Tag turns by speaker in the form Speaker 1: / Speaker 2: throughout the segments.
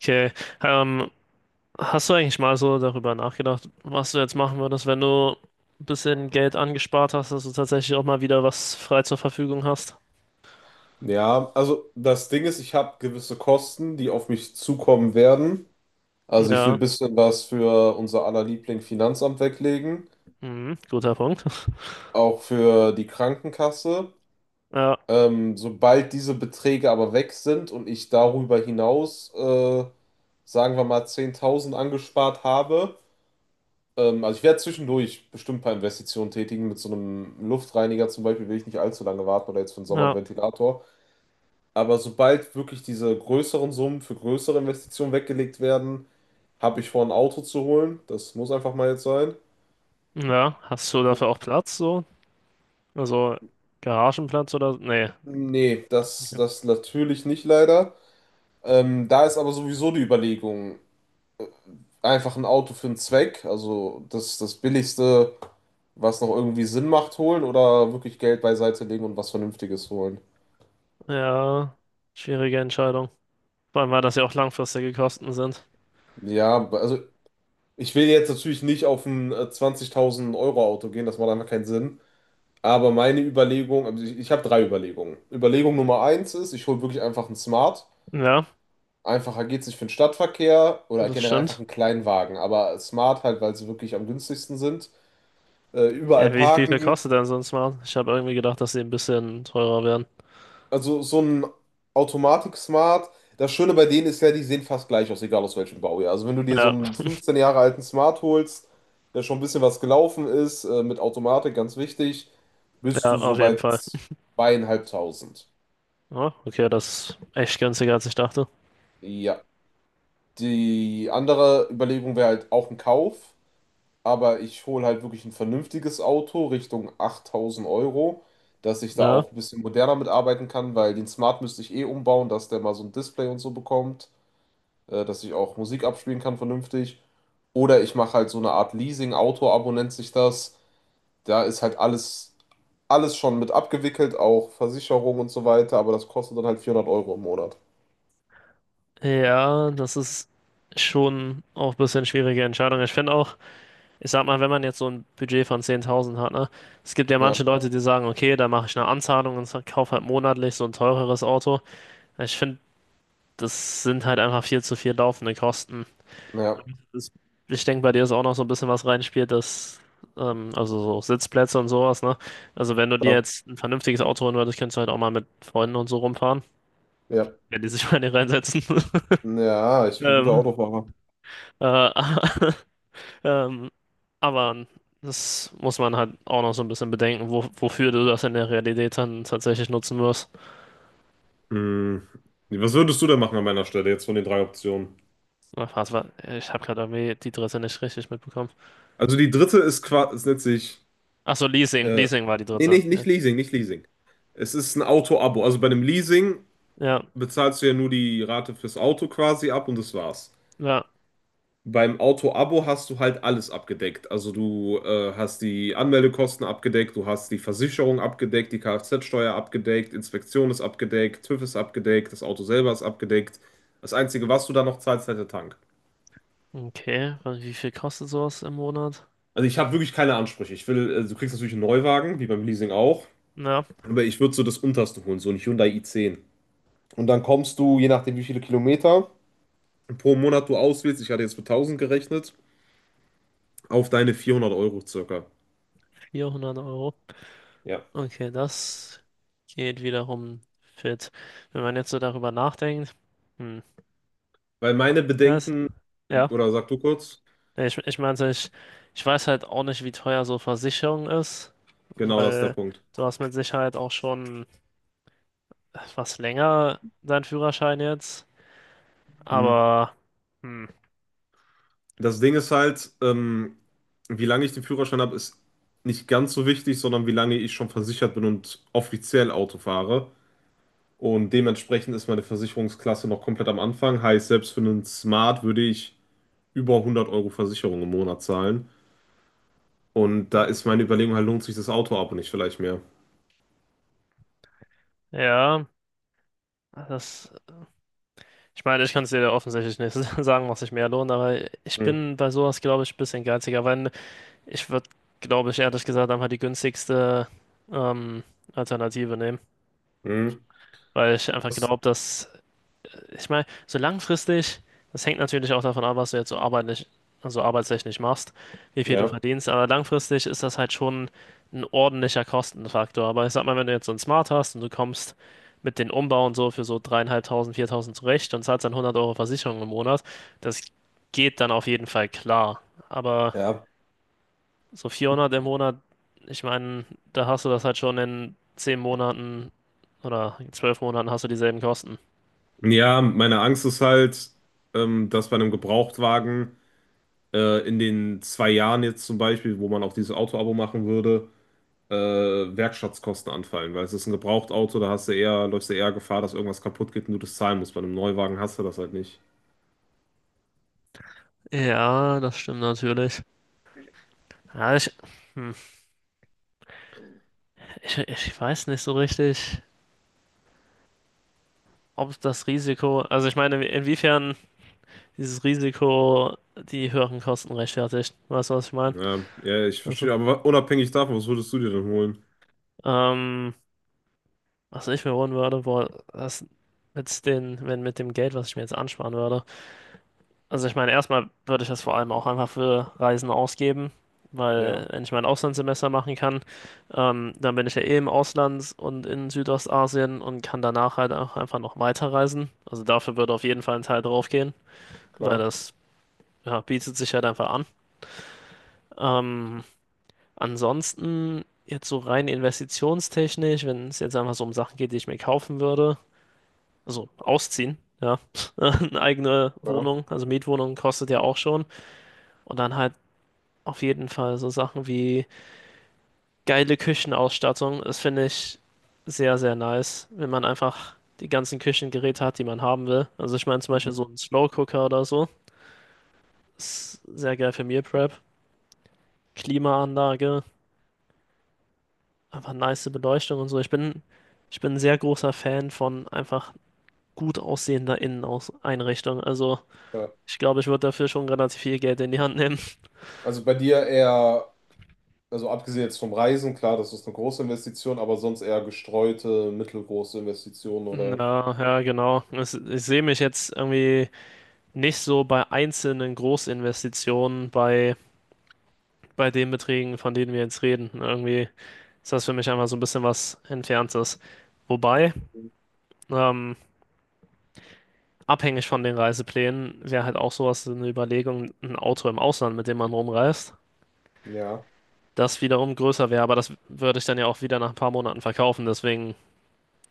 Speaker 1: Okay, ähm, hast du eigentlich mal so darüber nachgedacht, was du jetzt machen würdest, wenn du ein bisschen Geld angespart hast, dass du tatsächlich auch mal wieder was frei zur Verfügung hast?
Speaker 2: Ja, also das Ding ist, ich habe gewisse Kosten, die auf mich zukommen werden. Also ich will
Speaker 1: Ja,
Speaker 2: ein bisschen was für unser aller Liebling Finanzamt weglegen,
Speaker 1: mhm, guter Punkt.
Speaker 2: auch für die Krankenkasse.
Speaker 1: Ja,
Speaker 2: Sobald diese Beträge aber weg sind und ich darüber hinaus, sagen wir mal, 10.000 angespart habe, also ich werde zwischendurch bestimmt ein paar Investitionen tätigen. Mit so einem Luftreiniger zum Beispiel will ich nicht allzu lange warten oder jetzt für den Sommer einen
Speaker 1: ja,
Speaker 2: Ventilator. Aber sobald wirklich diese größeren Summen für größere Investitionen weggelegt werden, habe ich vor, ein Auto zu holen. Das muss einfach mal jetzt sein.
Speaker 1: ja. Hast du dafür
Speaker 2: Wo-
Speaker 1: auch Platz so? Also Garagenplatz oder? Nee.
Speaker 2: Nee, das,
Speaker 1: Okay.
Speaker 2: das natürlich nicht leider. Da ist aber sowieso die Überlegung, einfach ein Auto für einen Zweck, also das Billigste, was noch irgendwie Sinn macht, holen oder wirklich Geld beiseite legen und was Vernünftiges holen.
Speaker 1: Ja, schwierige Entscheidung. Vor allem, weil das ja auch langfristige Kosten sind.
Speaker 2: Ja, also ich will jetzt natürlich nicht auf ein 20.000 Euro Auto gehen, das macht einfach keinen Sinn. Aber meine Überlegung, also ich habe drei Überlegungen. Überlegung Nummer eins ist, ich hole wirklich einfach einen Smart.
Speaker 1: Ja,
Speaker 2: Einfacher geht's nicht für den Stadtverkehr oder
Speaker 1: das
Speaker 2: generell einfach
Speaker 1: stimmt.
Speaker 2: einen kleinen Wagen. Aber Smart halt, weil sie wirklich am günstigsten sind. Überall
Speaker 1: Ja, wie viel
Speaker 2: parken.
Speaker 1: kostet denn so ein Smart? Ich habe irgendwie gedacht, dass sie ein bisschen teurer wären.
Speaker 2: Also so ein Automatik-Smart. Das Schöne bei denen ist ja, die sehen fast gleich aus, egal aus welchem Baujahr. Also wenn du dir so
Speaker 1: Ja,
Speaker 2: einen 15 Jahre alten Smart holst, der schon ein bisschen was gelaufen ist, mit Automatik, ganz wichtig, bist
Speaker 1: ja,
Speaker 2: du so
Speaker 1: auf jeden
Speaker 2: bei
Speaker 1: Fall.
Speaker 2: 2.500.
Speaker 1: Ah, okay, das ist echt günstiger, als ich dachte.
Speaker 2: Ja. Die andere Überlegung wäre halt auch ein Kauf, aber ich hole halt wirklich ein vernünftiges Auto Richtung 8.000 Euro, dass ich da
Speaker 1: Ja.
Speaker 2: auch ein bisschen moderner mitarbeiten kann, weil den Smart müsste ich eh umbauen, dass der mal so ein Display und so bekommt, dass ich auch Musik abspielen kann vernünftig. Oder ich mache halt so eine Art leasing auto nennt sich das. Da ist halt alles schon mit abgewickelt, auch Versicherung und so weiter, aber das kostet dann halt 400 Euro im Monat.
Speaker 1: Ja, das ist schon auch ein bisschen schwierige Entscheidung. Ich finde auch, ich sag mal, wenn man jetzt so ein Budget von 10.000 hat, ne, es gibt ja
Speaker 2: Ja,
Speaker 1: manche Leute, die sagen, okay, da mache ich eine Anzahlung und kaufe halt monatlich so ein teureres Auto. Ich finde, das sind halt einfach viel zu viel laufende Kosten.
Speaker 2: ja,
Speaker 1: Das, ich denke, bei dir ist auch noch so ein bisschen was reinspielt, dass, also so Sitzplätze und sowas, ne? Also wenn du dir
Speaker 2: klar.
Speaker 1: jetzt ein vernünftiges Auto holen würdest, könntest du halt auch mal mit Freunden und so rumfahren.
Speaker 2: Ja,
Speaker 1: Wenn die sich mal nicht reinsetzen.
Speaker 2: ja, ich bin guter
Speaker 1: Ähm,
Speaker 2: Autofahrer.
Speaker 1: äh, ähm, aber das muss man halt auch noch so ein bisschen bedenken, wofür du das in der Realität dann tatsächlich nutzen wirst.
Speaker 2: Hm. Was würdest du denn machen an meiner Stelle jetzt von den drei Optionen?
Speaker 1: Ach, was war, ich habe gerade irgendwie die dritte nicht richtig mitbekommen.
Speaker 2: Also die dritte ist quasi, ist nennt sich,
Speaker 1: Ach so, Leasing.
Speaker 2: äh,
Speaker 1: Leasing war die
Speaker 2: nee,
Speaker 1: dritte.
Speaker 2: nicht,
Speaker 1: Ja,
Speaker 2: nicht Leasing, nicht Leasing. Es ist ein Auto-Abo. Also bei einem Leasing
Speaker 1: ja.
Speaker 2: bezahlst du ja nur die Rate fürs Auto quasi ab und das war's.
Speaker 1: Ja.
Speaker 2: Beim Auto-Abo hast du halt alles abgedeckt. Also du hast die Anmeldekosten abgedeckt, du hast die Versicherung abgedeckt, die Kfz-Steuer abgedeckt, Inspektion ist abgedeckt, TÜV ist abgedeckt, das Auto selber ist abgedeckt. Das Einzige, was du da noch zahlst, ist halt der Tank.
Speaker 1: Okay, und wie viel kostet sowas im Monat?
Speaker 2: Also ich habe wirklich keine Ansprüche. Ich will, du kriegst natürlich einen Neuwagen, wie beim Leasing auch.
Speaker 1: Na,
Speaker 2: Aber ich würde so das unterste holen, so ein Hyundai i10. Und dann kommst du, je nachdem wie viele Kilometer pro Monat du auswählst, ich hatte jetzt mit 1000 gerechnet, auf deine 400 Euro circa.
Speaker 1: 400 Euro.
Speaker 2: Ja.
Speaker 1: Okay, das geht wiederum fit. Wenn man jetzt so darüber nachdenkt, hm,
Speaker 2: Weil meine
Speaker 1: das,
Speaker 2: Bedenken,
Speaker 1: ja.
Speaker 2: oder sag du kurz,
Speaker 1: Nee, ich meinte, ich weiß halt auch nicht, wie teuer so Versicherung ist,
Speaker 2: genau das ist der
Speaker 1: weil
Speaker 2: Punkt.
Speaker 1: du hast mit Sicherheit auch schon etwas länger deinen Führerschein jetzt.
Speaker 2: Mhm.
Speaker 1: Aber, hm,
Speaker 2: Das Ding ist halt, wie lange ich den Führerschein habe, ist nicht ganz so wichtig, sondern wie lange ich schon versichert bin und offiziell Auto fahre. Und dementsprechend ist meine Versicherungsklasse noch komplett am Anfang. Heißt, selbst für einen Smart würde ich über 100 Euro Versicherung im Monat zahlen. Und da ist meine Überlegung halt, lohnt sich das Autoabo nicht vielleicht mehr?
Speaker 1: ja, das, ich meine, ich kann es dir ja offensichtlich nicht sagen, was sich mehr lohnt, aber ich
Speaker 2: Hm,
Speaker 1: bin bei sowas, glaube ich, ein bisschen geiziger, weil ich würde, glaube ich, ehrlich gesagt einfach die günstigste ähm, Alternative nehmen,
Speaker 2: hm,
Speaker 1: weil ich einfach
Speaker 2: was?
Speaker 1: glaube, dass ich meine, so langfristig, das hängt natürlich auch davon ab, was du jetzt so arbeitlich, also arbeitstechnisch machst, wie viel du
Speaker 2: Ja.
Speaker 1: verdienst, aber langfristig ist das halt schon ein ordentlicher Kostenfaktor. Aber ich sag mal, wenn du jetzt so ein Smart hast und du kommst mit den Umbau und so für so 3.500, 4.000 zurecht und zahlst dann 100 Euro Versicherung im Monat, das geht dann auf jeden Fall klar. Aber
Speaker 2: Ja.
Speaker 1: so 400 im Monat, ich meine, da hast du das halt schon in 10 Monaten oder 12 Monaten hast du dieselben Kosten.
Speaker 2: Ja, meine Angst ist halt, dass bei einem Gebrauchtwagen in den zwei Jahren jetzt zum Beispiel, wo man auch dieses Autoabo machen würde, Werkstattkosten anfallen, weil es ist ein Gebrauchtauto, da hast du eher, läufst du eher Gefahr, dass irgendwas kaputt geht und du das zahlen musst. Bei einem Neuwagen hast du das halt nicht.
Speaker 1: Ja, das stimmt natürlich. Ja, hm, ich weiß nicht so richtig, ob das Risiko, also ich meine, inwiefern dieses Risiko die höheren Kosten rechtfertigt. Weißt du, was ich meine?
Speaker 2: Ja, ja, ich
Speaker 1: Also,
Speaker 2: verstehe, aber unabhängig davon, was würdest du dir denn holen?
Speaker 1: ähm, was ich mir holen würde, boah, das wenn mit dem Geld, was ich mir jetzt ansparen würde. Also ich meine, erstmal würde ich das vor allem auch einfach für Reisen ausgeben, weil
Speaker 2: Ja,
Speaker 1: wenn ich mein Auslandssemester machen kann, dann bin ich ja eh im Ausland und in Südostasien und kann danach halt auch einfach noch weiterreisen. Also dafür würde auf jeden Fall ein Teil draufgehen, weil
Speaker 2: klar,
Speaker 1: das ja, bietet sich halt einfach an. Ähm, ansonsten jetzt so rein investitionstechnisch, wenn es jetzt einfach so um Sachen geht, die ich mir kaufen würde, also ausziehen. Ja, eine eigene
Speaker 2: klar.
Speaker 1: Wohnung, also Mietwohnung kostet ja auch schon. Und dann halt auf jeden Fall so Sachen wie geile Küchenausstattung. Das finde ich sehr, sehr nice, wenn man einfach die ganzen Küchengeräte hat, die man haben will. Also ich meine zum Beispiel
Speaker 2: Mhm.
Speaker 1: so ein Slow Cooker oder so. Ist sehr geil für Meal Prep. Klimaanlage, einfach nice Beleuchtung und so. Ich bin ein sehr großer Fan von einfach gut aussehender Inneneinrichtung. Also
Speaker 2: Klar.
Speaker 1: ich glaube, ich würde dafür schon relativ viel Geld in die Hand nehmen.
Speaker 2: Also bei dir eher, also abgesehen jetzt vom Reisen, klar, das ist eine große Investition, aber sonst eher gestreute, mittelgroße Investitionen oder
Speaker 1: Ja, ja, genau. Ich sehe mich jetzt irgendwie nicht so bei einzelnen Großinvestitionen, bei den Beträgen, von denen wir jetzt reden. Irgendwie ist das für mich einfach so ein bisschen was Entferntes. Wobei, ähm, abhängig von den Reiseplänen, wäre halt auch sowas eine Überlegung, ein Auto im Ausland, mit dem man rumreist,
Speaker 2: ja,
Speaker 1: das wiederum größer wäre. Aber das würde ich dann ja auch wieder nach ein paar Monaten verkaufen, deswegen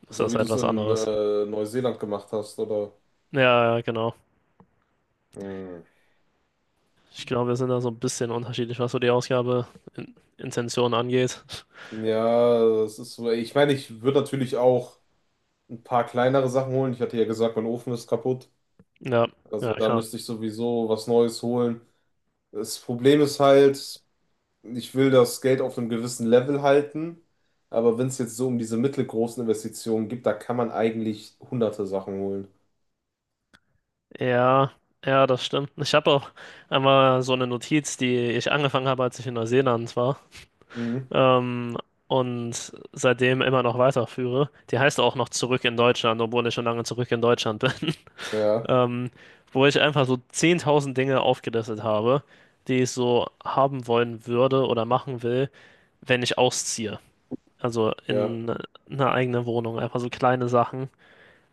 Speaker 1: ist
Speaker 2: so
Speaker 1: das
Speaker 2: wie du
Speaker 1: halt
Speaker 2: es
Speaker 1: was
Speaker 2: in
Speaker 1: anderes.
Speaker 2: Neuseeland gemacht hast, oder?
Speaker 1: Ja, ja, ja, genau.
Speaker 2: Hm.
Speaker 1: Ich glaube, wir sind da so ein bisschen unterschiedlich, was so die Ausgabe in Intention angeht.
Speaker 2: Ja, das ist so. Ich meine, ich würde natürlich auch ein paar kleinere Sachen holen. Ich hatte ja gesagt, mein Ofen ist kaputt.
Speaker 1: Ja, ja,
Speaker 2: Also da
Speaker 1: klar.
Speaker 2: müsste ich sowieso was Neues holen. Das Problem ist halt, ich will das Geld auf einem gewissen Level halten, aber wenn es jetzt so um diese mittelgroßen Investitionen gibt, da kann man eigentlich hunderte Sachen holen.
Speaker 1: Ja, ja, das stimmt. Ich habe auch einmal so eine Notiz, die ich angefangen habe, als ich in Neuseeland war,
Speaker 2: Mhm.
Speaker 1: ähm, und seitdem immer noch weiterführe. Die heißt auch noch Zurück in Deutschland, obwohl ich schon lange zurück in Deutschland bin,
Speaker 2: Ja,
Speaker 1: ähm, wo ich einfach so 10.000 Dinge aufgelistet habe, die ich so haben wollen würde oder machen will, wenn ich ausziehe. Also
Speaker 2: ja,
Speaker 1: in eine eigene Wohnung, einfach so kleine Sachen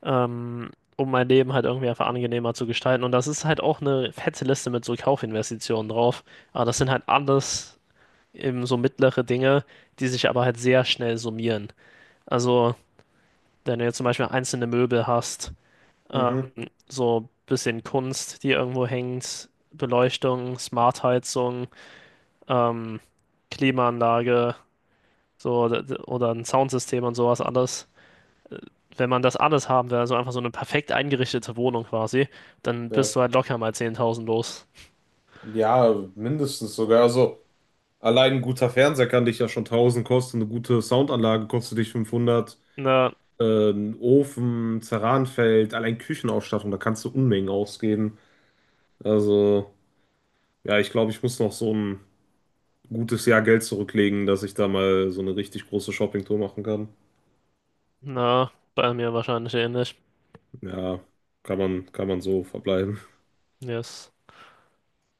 Speaker 1: ähm, um mein Leben halt irgendwie einfach angenehmer zu gestalten. Und das ist halt auch eine fette Liste mit so Kaufinvestitionen drauf. Aber das sind halt alles eben so mittlere Dinge, die sich aber halt sehr schnell summieren. Also, wenn du jetzt zum Beispiel einzelne Möbel hast, ähm,
Speaker 2: mhm.
Speaker 1: so ein bisschen Kunst, die irgendwo hängt, Beleuchtung, Smartheizung, ähm, Klimaanlage, so oder ein Soundsystem und sowas alles. Wenn man das alles haben will, also einfach so eine perfekt eingerichtete Wohnung quasi, dann bist
Speaker 2: Ja.
Speaker 1: du halt locker mal 10.000 los.
Speaker 2: Ja, mindestens sogar. Also allein ein guter Fernseher kann dich ja schon 1.000 kosten, eine gute Soundanlage kostet dich 500,
Speaker 1: Na,
Speaker 2: ein Ofen, Zeranfeld, allein Küchenausstattung, da kannst du Unmengen ausgeben. Also ja, ich glaube, ich muss noch so ein gutes Jahr Geld zurücklegen, dass ich da mal so eine richtig große Shoppingtour machen kann.
Speaker 1: na, bei mir wahrscheinlich ähnlich.
Speaker 2: Ja, kann man so verbleiben.
Speaker 1: Yes.